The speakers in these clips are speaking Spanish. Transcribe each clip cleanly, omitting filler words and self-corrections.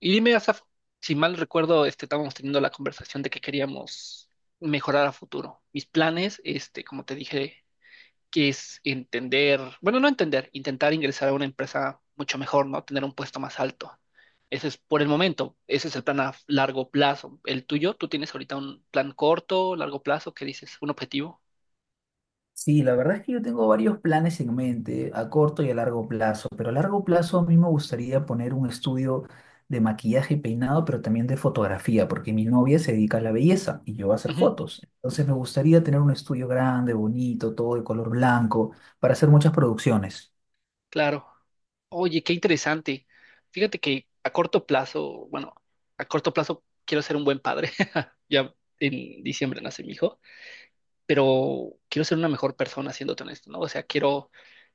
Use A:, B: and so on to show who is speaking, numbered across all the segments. A: Y dime, Asaf, si mal recuerdo, estábamos teniendo la conversación de que queríamos mejorar a futuro. Mis planes, como te dije, que es entender, bueno, no entender, intentar ingresar a una empresa mucho mejor, ¿no? Tener un puesto más alto. Ese es por el momento, ese es el plan a largo plazo. ¿El tuyo? ¿Tú tienes ahorita un plan corto, largo plazo? ¿Qué dices? ¿Un objetivo?
B: Sí, la verdad es que yo tengo varios planes en mente, a corto y a largo plazo, pero a largo plazo a mí me gustaría poner un estudio de maquillaje y peinado, pero también de fotografía, porque mi novia se dedica a la belleza y yo a hacer fotos. Entonces me gustaría tener un estudio grande, bonito, todo de color blanco, para hacer muchas producciones.
A: Claro. Oye, qué interesante. Fíjate que a corto plazo, bueno, a corto plazo quiero ser un buen padre. Ya en diciembre nace mi hijo, pero quiero ser una mejor persona, siéndote honesto, ¿no? O sea, quiero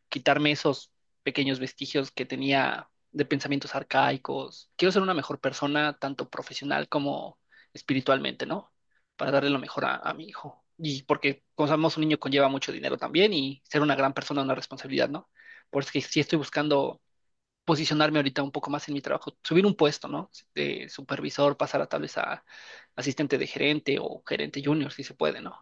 A: quitarme esos pequeños vestigios que tenía de pensamientos arcaicos. Quiero ser una mejor persona, tanto profesional como espiritualmente, ¿no? Para darle lo mejor a mi hijo. Y porque, como sabemos, un niño conlleva mucho dinero también y ser una gran persona es una responsabilidad, ¿no? Por eso que sí estoy buscando posicionarme ahorita un poco más en mi trabajo, subir un puesto, ¿no? De supervisor, pasar a tal vez a asistente de gerente o gerente junior, si se puede, ¿no?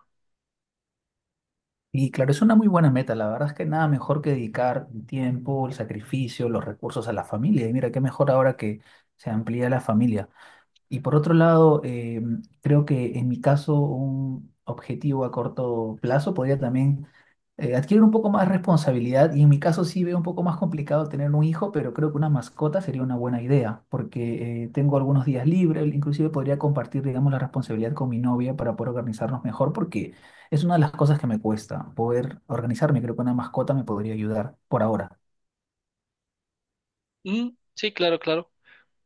B: Y claro, es una muy buena meta, la verdad es que nada mejor que dedicar el tiempo, el sacrificio, los recursos a la familia. Y mira, qué mejor ahora que se amplía la familia. Y por otro lado, creo que en mi caso un objetivo a corto plazo podría también adquirir un poco más responsabilidad y en mi caso sí veo un poco más complicado tener un hijo, pero creo que una mascota sería una buena idea porque tengo algunos días libres, inclusive podría compartir, digamos, la responsabilidad con mi novia para poder organizarnos mejor porque es una de las cosas que me cuesta, poder organizarme, creo que una mascota me podría ayudar por ahora.
A: Mm, sí, claro, claro.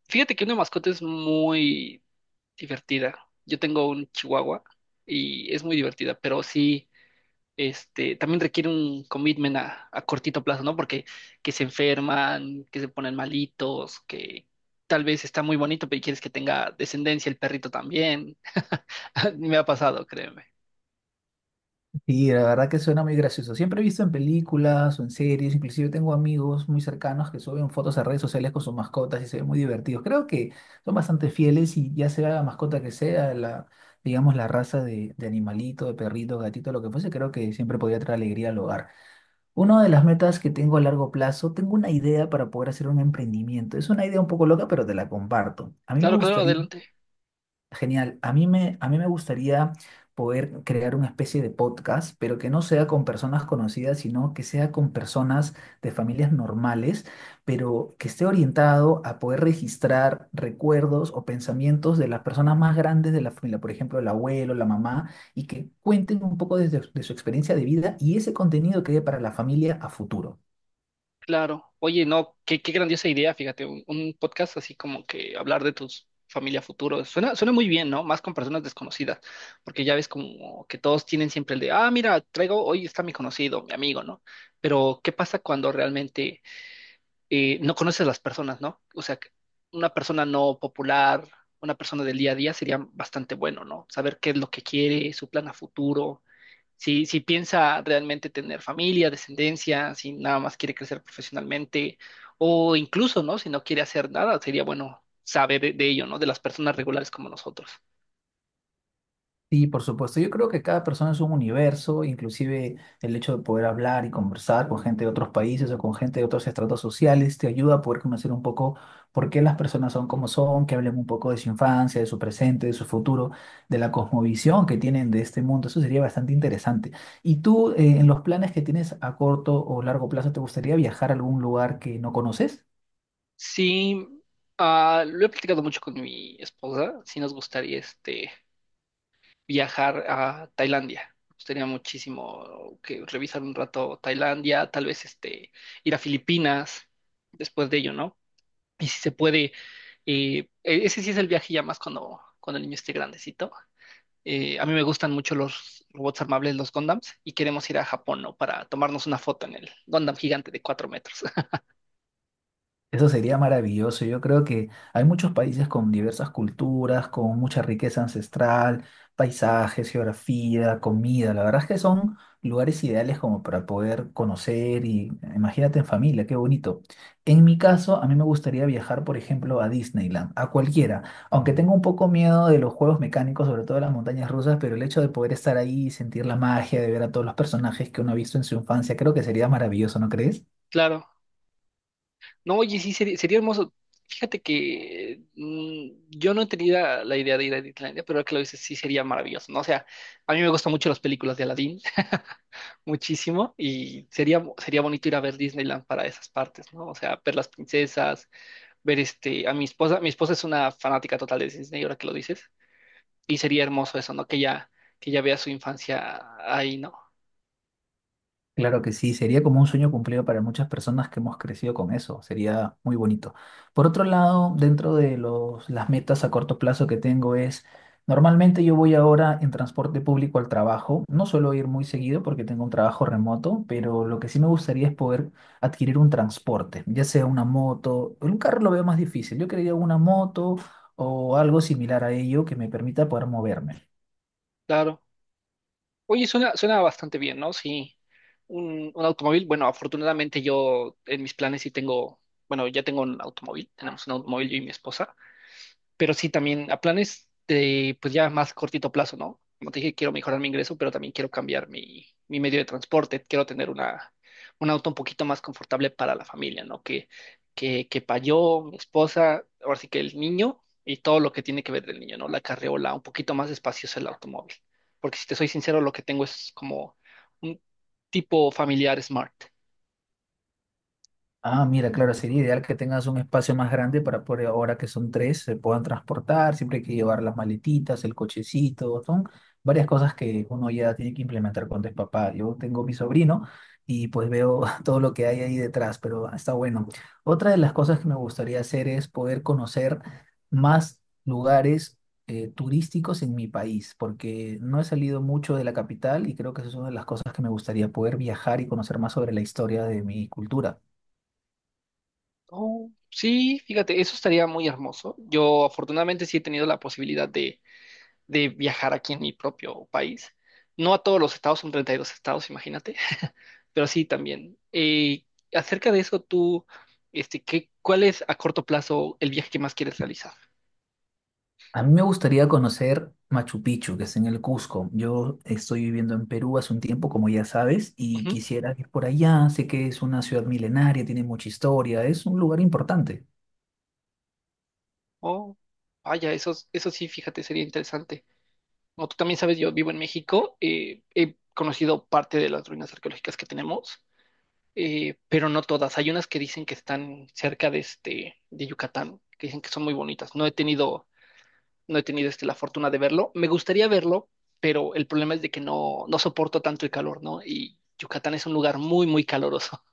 A: Fíjate que una mascota es muy divertida. Yo tengo un chihuahua y es muy divertida, pero sí, también requiere un commitment a cortito plazo, ¿no? Porque que se enferman, que se ponen malitos, que tal vez está muy bonito, pero quieres que tenga descendencia el perrito también. Me ha pasado, créeme.
B: Y la verdad que suena muy gracioso. Siempre he visto en películas o en series, inclusive tengo amigos muy cercanos que suben fotos a redes sociales con sus mascotas y se ven muy divertidos. Creo que son bastante fieles y ya sea la mascota que sea, la, digamos, la raza de animalito, de perrito, gatito, lo que fuese, creo que siempre podría traer alegría al hogar. Una de las metas que tengo a largo plazo, tengo una idea para poder hacer un emprendimiento. Es una idea un poco loca, pero te la comparto. A mí me
A: Claro, claro,
B: gustaría.
A: adelante.
B: Genial. A mí me gustaría poder crear una especie de podcast, pero que no sea con personas conocidas, sino que sea con personas de familias normales, pero que esté orientado a poder registrar recuerdos o pensamientos de las personas más grandes de la familia, por ejemplo, el abuelo, la mamá, y que cuenten un poco de su experiencia de vida y ese contenido quede para la familia a futuro.
A: Claro. Oye, no, qué, qué grandiosa idea, fíjate, un podcast así como que hablar de tus familia futuro. Suena, suena muy bien, ¿no? Más con personas desconocidas, porque ya ves como que todos tienen siempre el de, ah, mira, traigo, hoy está mi conocido, mi amigo, ¿no? Pero ¿qué pasa cuando realmente no conoces a las personas, ¿no? O sea, que una persona no popular, una persona del día a día sería bastante bueno, ¿no? Saber qué es lo que quiere, su plan a futuro, si piensa realmente tener familia, descendencia, si nada más quiere crecer profesionalmente o incluso, ¿no? Si no quiere hacer nada, sería bueno saber de ello, ¿no? De las personas regulares como nosotros.
B: Sí, por supuesto. Yo creo que cada persona es un universo, inclusive el hecho de poder hablar y conversar con gente de otros países o con gente de otros estratos sociales te ayuda a poder conocer un poco por qué las personas son como son, que hablen un poco de su infancia, de su presente, de su futuro, de la cosmovisión que tienen de este mundo. Eso sería bastante interesante. ¿Y tú, en los planes que tienes a corto o largo plazo, te gustaría viajar a algún lugar que no conoces?
A: Sí, ah, lo he platicado mucho con mi esposa, sí nos gustaría viajar a Tailandia. Nos gustaría muchísimo que revisar un rato Tailandia, tal vez ir a Filipinas después de ello, ¿no? Y si se puede, ese sí es el viaje ya más cuando, cuando el niño esté grandecito. A mí me gustan mucho los robots armables, los Gundams, y queremos ir a Japón, ¿no? Para tomarnos una foto en el Gundam gigante de 4 metros.
B: Eso sería maravilloso. Yo creo que hay muchos países con diversas culturas, con mucha riqueza ancestral, paisajes, geografía, comida. La verdad es que son lugares ideales como para poder conocer y imagínate en familia, qué bonito. En mi caso, a mí me gustaría viajar, por ejemplo, a Disneyland, a cualquiera, aunque tengo un poco miedo de los juegos mecánicos, sobre todo de las montañas rusas, pero el hecho de poder estar ahí y sentir la magia, de ver a todos los personajes que uno ha visto en su infancia, creo que sería maravilloso, ¿no crees?
A: Claro. No, oye, sí, sería, sería hermoso. Fíjate que mm, yo no tenía la idea de ir a Disneylandia, pero ahora que lo dices, sí sería maravilloso, ¿no? O sea, a mí me gustan mucho las películas de Aladdin, muchísimo, y sería, sería bonito ir a ver Disneyland para esas partes, ¿no? O sea, ver las princesas, ver a mi esposa. Mi esposa es una fanática total de Disney, ahora que lo dices. Y sería hermoso eso, ¿no? Que ya vea su infancia ahí, ¿no?
B: Claro que sí, sería como un sueño cumplido para muchas personas que hemos crecido con eso, sería muy bonito. Por otro lado, dentro de los, las metas a corto plazo que tengo es, normalmente yo voy ahora en transporte público al trabajo, no suelo ir muy seguido porque tengo un trabajo remoto, pero lo que sí me gustaría es poder adquirir un transporte, ya sea una moto, en un carro lo veo más difícil, yo quería una moto o algo similar a ello que me permita poder moverme.
A: Claro. Oye, suena, suena bastante bien, ¿no? Sí. Un automóvil, bueno, afortunadamente yo en mis planes sí tengo, bueno, ya tengo un automóvil, tenemos un automóvil yo y mi esposa. Pero sí también a planes de, pues ya más cortito plazo, ¿no? Como te dije, quiero mejorar mi ingreso, pero también quiero cambiar mi, mi medio de transporte, quiero tener una, un auto un poquito más confortable para la familia, ¿no? Que para yo, mi esposa, ahora sí que el niño y todo lo que tiene que ver del niño, ¿no? La carriola, un poquito más espacioso el automóvil, porque si te soy sincero, lo que tengo es como un tipo familiar smart.
B: Ah, mira, claro, sería ideal que tengas un espacio más grande para poder, ahora que son tres, se puedan transportar, siempre hay que llevar las maletitas, el cochecito, son varias cosas que uno ya tiene que implementar cuando es papá. Yo tengo mi sobrino y pues veo todo lo que hay ahí detrás, pero está bueno. Otra de las cosas que me gustaría hacer es poder conocer más lugares turísticos en mi país, porque no he salido mucho de la capital y creo que esa es una de las cosas que me gustaría poder viajar y conocer más sobre la historia de mi cultura.
A: Oh, sí, fíjate, eso estaría muy hermoso. Yo afortunadamente sí he tenido la posibilidad de viajar aquí en mi propio país. No a todos los estados, son 32 estados, imagínate, pero sí también. Acerca de eso, tú, ¿qué, cuál es a corto plazo el viaje que más quieres realizar?
B: A mí me gustaría conocer Machu Picchu, que es en el Cusco. Yo estoy viviendo en Perú hace un tiempo, como ya sabes, y
A: Ujú.
B: quisiera ir por allá. Sé que es una ciudad milenaria, tiene mucha historia, es un lugar importante.
A: Oh, vaya, eso sí, fíjate, sería interesante. Como tú también sabes, yo vivo en México, he conocido parte de las ruinas arqueológicas que tenemos, pero no todas. Hay unas que dicen que están cerca de, de Yucatán, que dicen que son muy bonitas. No he tenido la fortuna de verlo. Me gustaría verlo, pero el problema es de que no, no soporto tanto el calor, ¿no? Y Yucatán es un lugar muy, muy caloroso.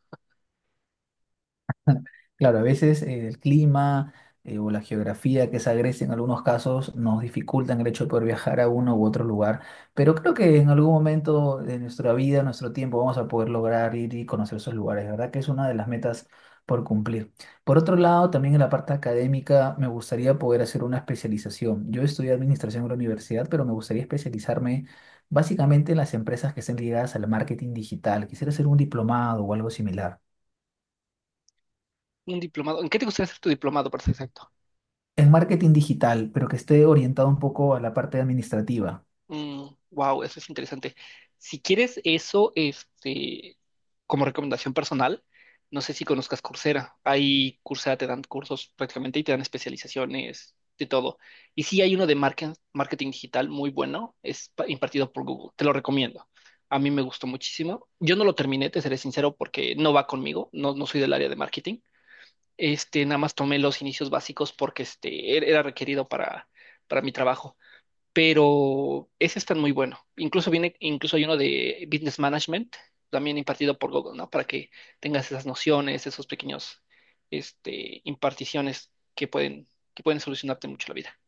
B: Claro, a veces el clima o la geografía que es agreste en algunos casos nos dificultan el hecho de poder viajar a uno u otro lugar, pero creo que en algún momento de nuestra vida, nuestro tiempo, vamos a poder lograr ir y conocer esos lugares, ¿verdad? Que es una de las metas por cumplir. Por otro lado, también en la parte académica me gustaría poder hacer una especialización. Yo estudié administración en la universidad, pero me gustaría especializarme básicamente en las empresas que estén ligadas al marketing digital. Quisiera hacer un diplomado o algo similar.
A: Un diplomado. ¿En qué te gustaría hacer tu diplomado, para ser exacto?
B: En marketing digital, pero que esté orientado un poco a la parte administrativa.
A: Wow, eso es interesante. Si quieres eso, como recomendación personal, no sé si conozcas Coursera. Ahí Coursera te dan cursos prácticamente y te dan especializaciones de todo. Y sí hay uno de marketing digital muy bueno, es impartido por Google. Te lo recomiendo. A mí me gustó muchísimo. Yo no lo terminé, te seré sincero, porque no va conmigo. No, no soy del área de marketing. Este, nada más tomé los inicios básicos porque era requerido para mi trabajo, pero ese está muy bueno. Incluso viene, incluso hay uno de Business Management, también impartido por Google, ¿no? Para que tengas esas nociones, esos pequeños, imparticiones que pueden solucionarte mucho la vida.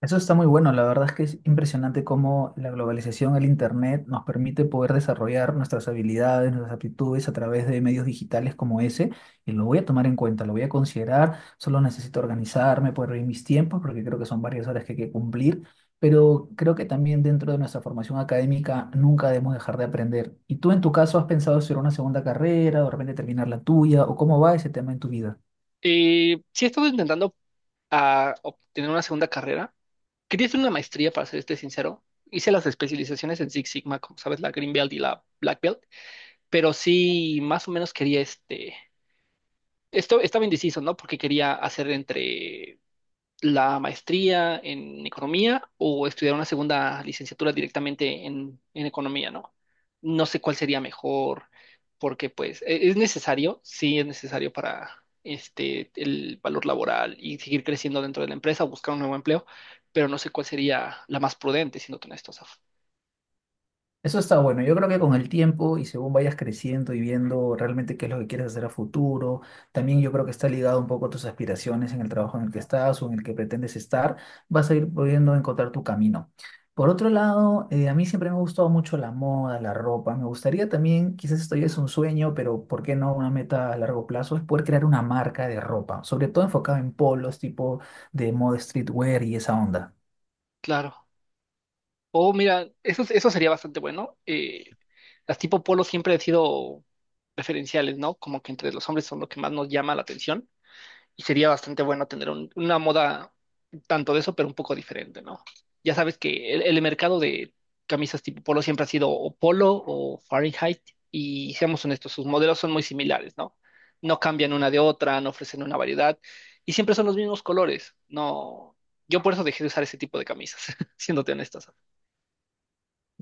B: Eso está muy bueno, la verdad es que es impresionante cómo la globalización, el Internet, nos permite poder desarrollar nuestras habilidades, nuestras aptitudes a través de medios digitales como ese, y lo voy a tomar en cuenta, lo voy a considerar, solo necesito organizarme, poder ver mis tiempos, porque creo que son varias horas que hay que cumplir, pero creo que también dentro de nuestra formación académica nunca debemos dejar de aprender. ¿Y tú en tu caso has pensado hacer una segunda carrera, o de repente terminar la tuya, o cómo va ese tema en tu vida?
A: Sí he estado intentando ah, obtener una segunda carrera. Quería hacer una maestría, para serte sincero. Hice las especializaciones en Six Sigma, como sabes, la Green Belt y la Black Belt, pero sí más o menos quería este... Esto estaba indeciso, ¿no? Porque quería hacer entre la maestría en economía o estudiar una segunda licenciatura directamente en economía, ¿no? No sé cuál sería mejor, porque pues es necesario, sí es necesario para este el valor laboral y seguir creciendo dentro de la empresa, o buscar un nuevo empleo, pero no sé cuál sería la más prudente, siendo honestos. Af.
B: Eso está bueno. Yo creo que con el tiempo y según vayas creciendo y viendo realmente qué es lo que quieres hacer a futuro, también yo creo que está ligado un poco a tus aspiraciones en el trabajo en el que estás o en el que pretendes estar, vas a ir pudiendo encontrar tu camino. Por otro lado, a mí siempre me ha gustado mucho la moda, la ropa. Me gustaría también, quizás esto ya es un sueño, pero ¿por qué no una meta a largo plazo? Es poder crear una marca de ropa, sobre todo enfocada en polos, tipo de moda streetwear y esa onda.
A: Claro. O mira, eso sería bastante bueno. Las tipo polo siempre han sido preferenciales, ¿no? Como que entre los hombres son lo que más nos llama la atención y sería bastante bueno tener una moda tanto de eso, pero un poco diferente, ¿no? Ya sabes que el mercado de camisas tipo polo siempre ha sido o polo o Fahrenheit, y seamos honestos, sus modelos son muy similares, ¿no? No cambian una de otra, no ofrecen una variedad y siempre son los mismos colores, ¿no? Yo por eso dejé de usar ese tipo de camisas, siéndote honestas.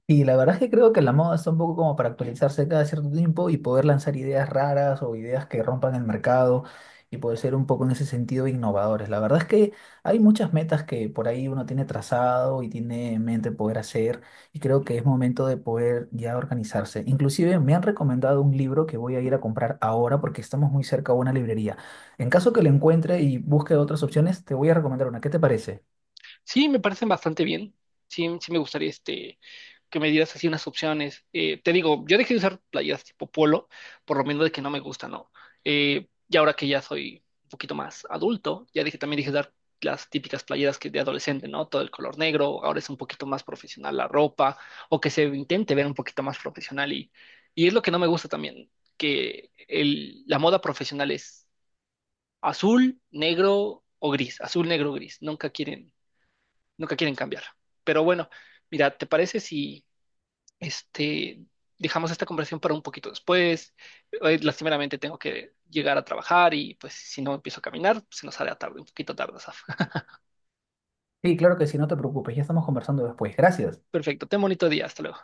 B: Y la verdad es que creo que la moda está un poco como para actualizarse cada cierto tiempo y poder lanzar ideas raras o ideas que rompan el mercado y poder ser un poco en ese sentido innovadores. La verdad es que hay muchas metas que por ahí uno tiene trazado y tiene en mente poder hacer y creo que es momento de poder ya organizarse. Inclusive me han recomendado un libro que voy a ir a comprar ahora porque estamos muy cerca a una librería. En caso que lo encuentre y busque otras opciones, te voy a recomendar una. ¿Qué te parece?
A: Sí, me parecen bastante bien. Sí, sí me gustaría que me dieras así unas opciones. Te digo, yo dejé de usar playeras tipo polo, por lo menos de que no me gusta, ¿no? Y ahora que ya soy un poquito más adulto, ya dije, también dije dar las típicas playeras que de adolescente, ¿no? Todo el color negro, ahora es un poquito más profesional la ropa, o que se intente ver un poquito más profesional y es lo que no me gusta también, que la moda profesional es azul, negro o gris, azul, negro, gris, nunca quieren cambiar. Pero bueno, mira, ¿te parece si este, dejamos esta conversación para un poquito después? Hoy, lastimeramente tengo que llegar a trabajar y pues si no empiezo a caminar, se nos hará tarde, un poquito tarde, Asaf.
B: Sí, claro que sí, no te preocupes, ya estamos conversando después. Gracias.
A: Perfecto, ten bonito día, hasta luego.